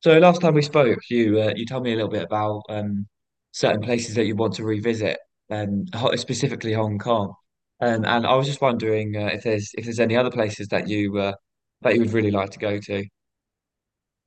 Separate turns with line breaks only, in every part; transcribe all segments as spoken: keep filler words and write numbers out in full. So last time we spoke, you uh, you told me a little bit about um, certain places that you want to revisit, um, ho- specifically Hong Kong. Um, and I was just wondering uh, if there's if there's any other places that you uh, that you would really like to go to.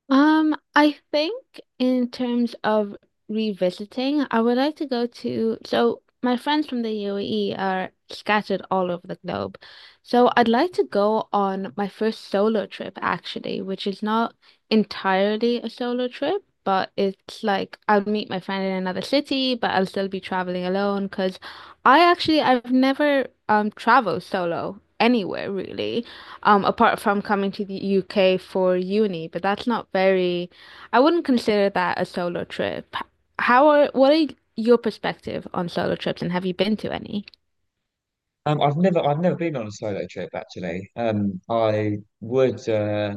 Um, I think in terms of revisiting, I would like to go to, so my friends from the U A E are scattered all over the globe. So I'd like to go on my first solo trip actually, which is not entirely a solo trip, but it's like I'll meet my friend in another city, but I'll still be traveling alone because I actually I've never um traveled solo anywhere really, um, apart from coming to the U K for uni, but that's not very, I wouldn't consider that a solo trip. How are, what are your perspective on solo trips and have you been to any?
Um, I've never I've never been on a solo trip actually. Um, I would. Uh,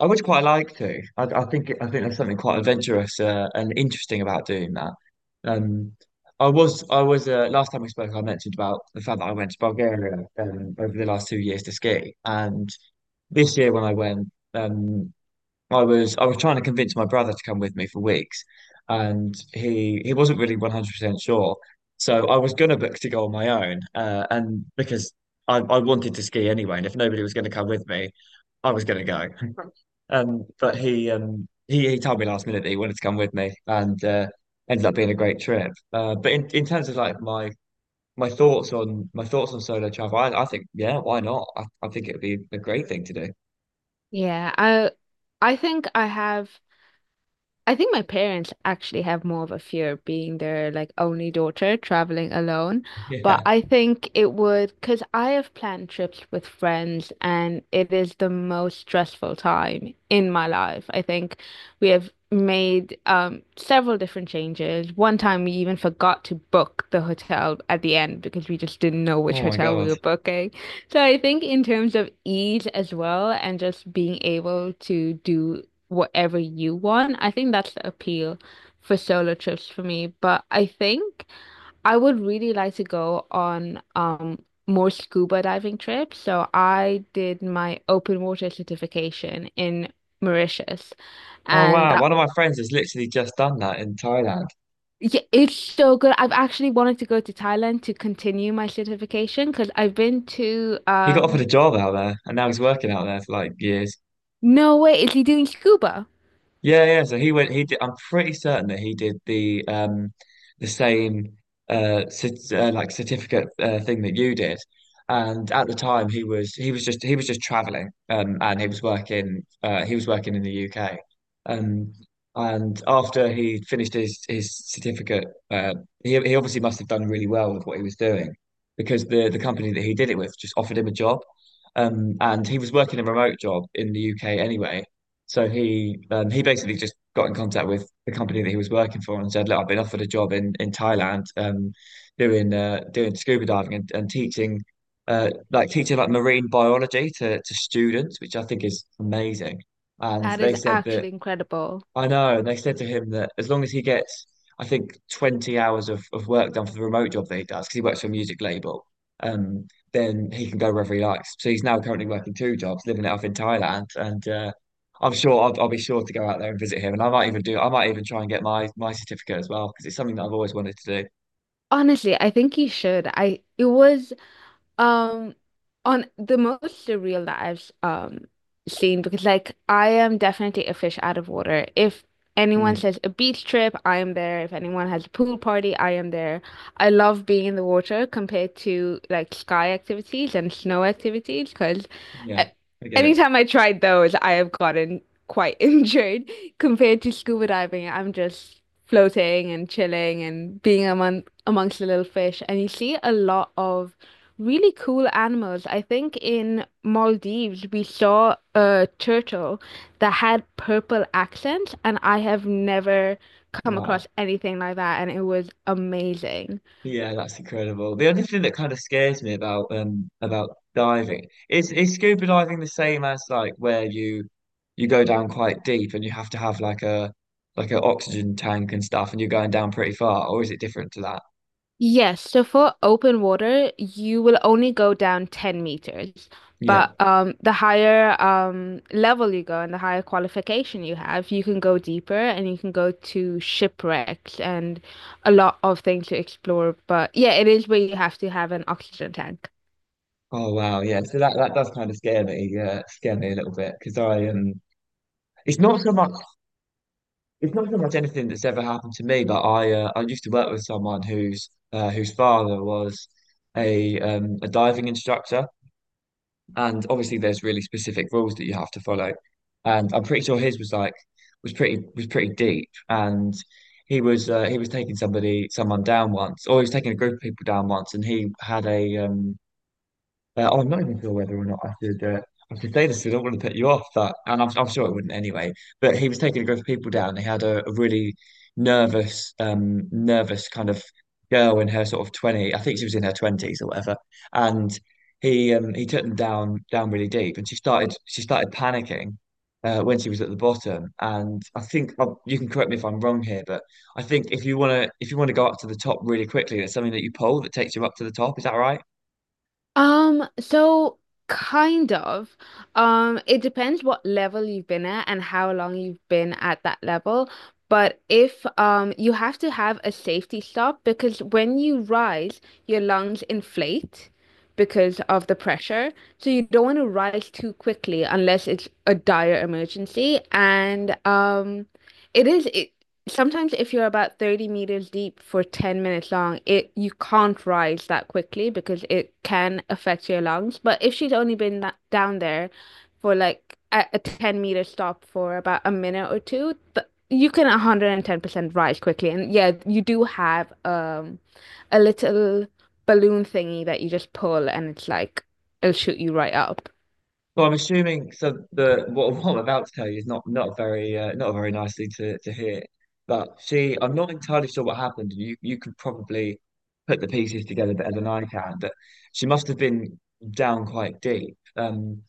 I would quite like to. I, I think I think there's something quite adventurous uh, and interesting about doing that. Um, I was I was uh, last time we spoke, I mentioned about the fact that I went to Bulgaria um, over the last two years to ski, and this year when I went, um, I was I was trying to convince my brother to come with me for weeks, and he he wasn't really one hundred percent sure. So I was gonna book to go on my own, uh, and because I, I wanted to ski anyway, and if nobody was going to come with me, I was going to go. Um, but he um he, he told me last minute that he wanted to come with me and uh ended up being a great trip. Uh, but in, in terms of like my my thoughts on my thoughts on solo travel, I, I think yeah, why not? I, I think it would be a great thing to do.
Yeah, I I think I have I think my parents actually have more of a fear of being their like only daughter traveling alone, but
Yeah.
I think it would, because I have planned trips with friends and it is the most stressful time in my life. I think we have made um several different changes. One time we even forgot to book the hotel at the end because we just didn't know which
Oh my
hotel we
God.
were booking. So I think in terms of ease as well and just being able to do whatever you want, I think that's the appeal for solo trips for me. But I think I would really like to go on um more scuba diving trips. So I did my open water certification in Mauritius,
Oh
and
wow.
that.
One of my friends has literally just done that in Thailand.
Yeah, it's so good. I've actually wanted to go to Thailand to continue my certification because I've been to
He got offered a
um
job out there and now he's working out there for like years.
Norway. Is he doing scuba?
Yeah, yeah. So he went. He did. I'm pretty certain that he did the um the same uh, cert, uh like certificate uh, thing that you did. And at the time, he was he was just he was just traveling. Um, and he was working. Uh, he was working in the U K. Um, and after he finished his his certificate, uh, he he obviously must have done really well with what he was doing because the the company that he did it with just offered him a job. Um, and he was working a remote job in the U K anyway, so he um, he basically just got in contact with the company that he was working for and said, "Look, I've been offered a job in in Thailand, um, doing uh, doing scuba diving and, and teaching, uh, like teaching like marine biology to to students, which I think is amazing." And
That
they
is
said that,
actually incredible.
I know. And they said to him that as long as he gets, I think, twenty hours of, of work done for the remote job that he does, because he works for a music label, um, then he can go wherever he likes. So he's now currently working two jobs, living it up in Thailand. And uh, I'm sure I'll, I'll be sure to go out there and visit him. And I might even do, I might even try and get my, my certificate as well, because it's something that I've always wanted to do.
Honestly, I think you should. I it was Um, on the most surreal that I've um seen, because like I am definitely a fish out of water. If anyone
Mm,
says a beach trip, I am there. If anyone has a pool party, I am there. I love being in the water compared to like sky activities and snow activities, because
yeah, I get it.
anytime I tried those, I have gotten quite injured compared to scuba diving. I'm just floating and chilling and being among amongst the little fish, and you see a lot of really cool animals. I think in Maldives we saw a turtle that had purple accents, and I have never come
Wow.
across anything like that, and it was amazing.
Yeah, that's incredible. The only thing that kind of scares me about um about diving, is is scuba diving the same as like where you you go down quite deep and you have to have like a like an oxygen tank and stuff and you're going down pretty far, or is it different to that?
Yes, so for open water, you will only go down ten meters.
Yeah.
But um, the higher um, level you go and the higher qualification you have, you can go deeper and you can go to shipwrecks and a lot of things to explore. But yeah, it is where you have to have an oxygen tank.
Oh wow. Yeah. So that that does kind of scare me. Yeah, scare me a little bit because I um it's not so much it's not so much anything that's ever happened to me, but I uh, I used to work with someone whose uh, whose father was a um a diving instructor. And obviously there's really specific rules that you have to follow. And I'm pretty sure his was like was pretty was pretty deep. And he was uh, he was taking somebody someone down once, or he was taking a group of people down once, and he had a um uh, oh, I'm not even sure whether or not I should. Uh, I should say this because I don't want to put you off, but and I'm, I'm sure it wouldn't anyway. But he was taking a group of people down. They had a, a really nervous, um, nervous kind of girl in her sort of twenty. I think she was in her twenties or whatever. And he um, he took them down down really deep, and she started she started panicking uh, when she was at the bottom. And I think uh, you can correct me if I'm wrong here, but I think if you want to if you want to go up to the top really quickly, there's something that you pull that takes you up to the top. Is that right?
Um, so kind of. Um, it depends what level you've been at and how long you've been at that level. But if um you have to have a safety stop, because when you rise, your lungs inflate because of the pressure. So you don't want to rise too quickly unless it's a dire emergency. And um it is it, sometimes if you're about thirty meters deep for ten minutes long, it you can't rise that quickly because it can affect your lungs. But if she's only been that, down there for like a, a ten meter stop for about a minute or two, th you can one hundred ten percent rise quickly. And yeah, you do have um a little balloon thingy that you just pull, and it's like it'll shoot you right up.
Well, I'm assuming so. The what, what I'm about to tell you is not not very uh, not very nicely to to hear. But she, I'm not entirely sure what happened. You you could probably put the pieces together better than I can. But she must have been down quite deep, um,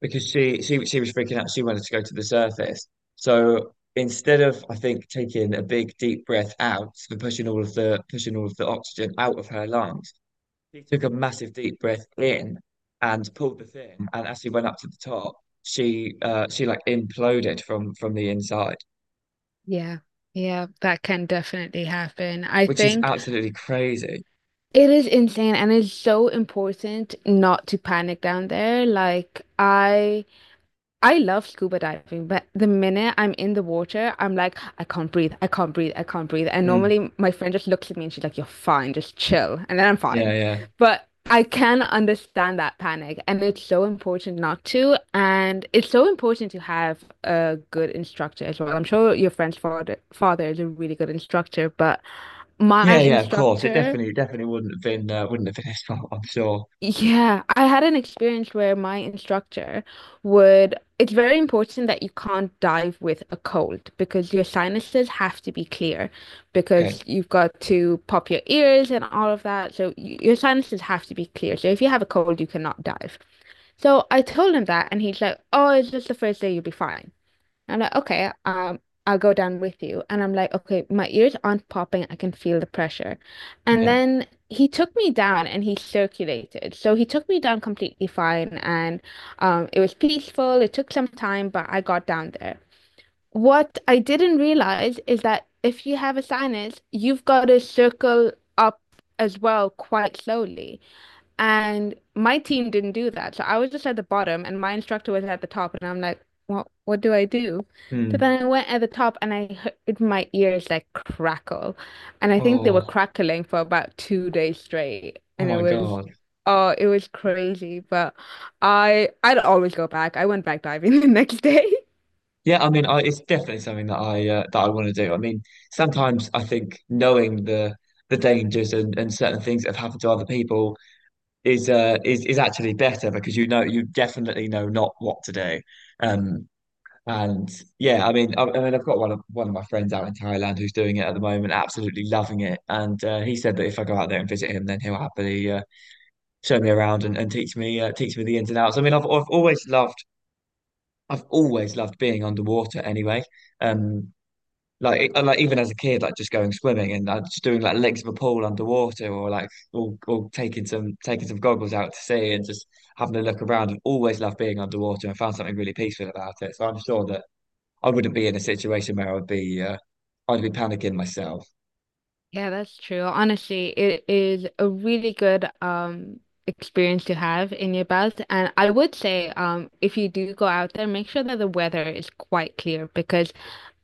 because she she she was freaking out. She wanted to go to the surface. So instead of, I think, taking a big deep breath out and pushing all of the pushing all of the oxygen out of her lungs, she took a massive deep breath in and pulled the thing. And as she went up to the top, she uh she like imploded from from the inside,
Yeah. Yeah, that can definitely happen. I
which is
think.
absolutely crazy.
It is insane and it's so important not to panic down there. Like I I love scuba diving, but the minute I'm in the water, I'm like, I can't breathe, I can't breathe, I can't breathe. And
Mm,
normally my friend just looks at me and she's like, "You're fine, just chill." And then I'm
yeah,
fine.
yeah,
But I can understand that panic. And it's so important not to. And it's so important to have a good instructor as well. I'm sure your friend's father father is a really good instructor, but my
yeah, yeah. Of course, it
instructor
definitely definitely wouldn't have been uh, wouldn't have been his fault, I'm sure.
yeah, I had an experience where my instructor would, it's very important that you can't dive with a cold because your sinuses have to be clear,
Okay.
because you've got to pop your ears and all of that. So y your sinuses have to be clear. So if you have a cold, you cannot dive. So I told him that and he's like, "Oh, it's just the first day, you'll be fine." I'm like, okay, um, I'll go down with you. And I'm like, okay, my ears aren't popping. I can feel the pressure. And
Yeah.
then he took me down and he circulated. So he took me down completely fine. And um, it was peaceful. It took some time, but I got down there. What I didn't realize is that if you have a sinus, you've got to circle up as well quite slowly. And my team didn't do that. So I was just at the bottom and my instructor was at the top and I'm like, what what do I do? So
Mm.
then I went at the top and I heard my ears like crackle. And I think they were
Oh.
crackling for about two days straight.
Oh
And it
my
was
God.
Oh, it was crazy. But I I'd always go back. I went back diving the next day.
Yeah. I mean, I, it's definitely something that I uh, that I want to do. I mean, sometimes I think knowing the the dangers and, and certain things that have happened to other people is uh is is actually better because you know you definitely know not what to do. Um and yeah, I mean I, I mean I've got one of one of my friends out in Thailand who's doing it at the moment, absolutely loving it. And uh, he said that if I go out there and visit him, then he'll happily uh, show me around and, and teach me uh, teach me the ins and outs. I mean I've I've always loved I've always loved being underwater anyway. Um like, e- like even as a kid, like just going swimming and uh, just doing like legs of a pool underwater, or like or, or taking some taking some goggles out to sea and just having a look around. I've always loved being underwater and found something really peaceful about it. So I'm sure that I wouldn't be in a situation where I'd be uh, I'd be panicking myself.
Yeah, that's true. Honestly, it is a really good um experience to have in your belt. And I would say um if you do go out there, make sure that the weather is quite clear, because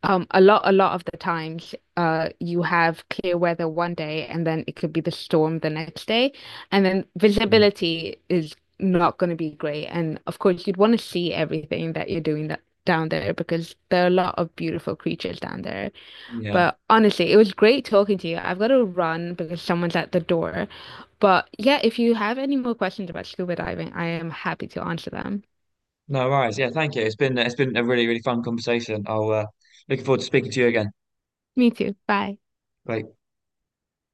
um a lot a lot of the times uh you have clear weather one day and then it could be the storm the next day, and then
Mm.
visibility is not going to be great. And of course you'd want to see everything that you're doing that down there, because there are a lot of beautiful creatures down there.
Yeah.
But honestly, it was great talking to you. I've got to run because someone's at the door. But yeah, if you have any more questions about scuba diving, I am happy to answer them.
No worries. Yeah. Thank you. It's been uh, it's been a really really fun conversation. I'll uh, looking forward to speaking to you again.
Me too. Bye.
Bye.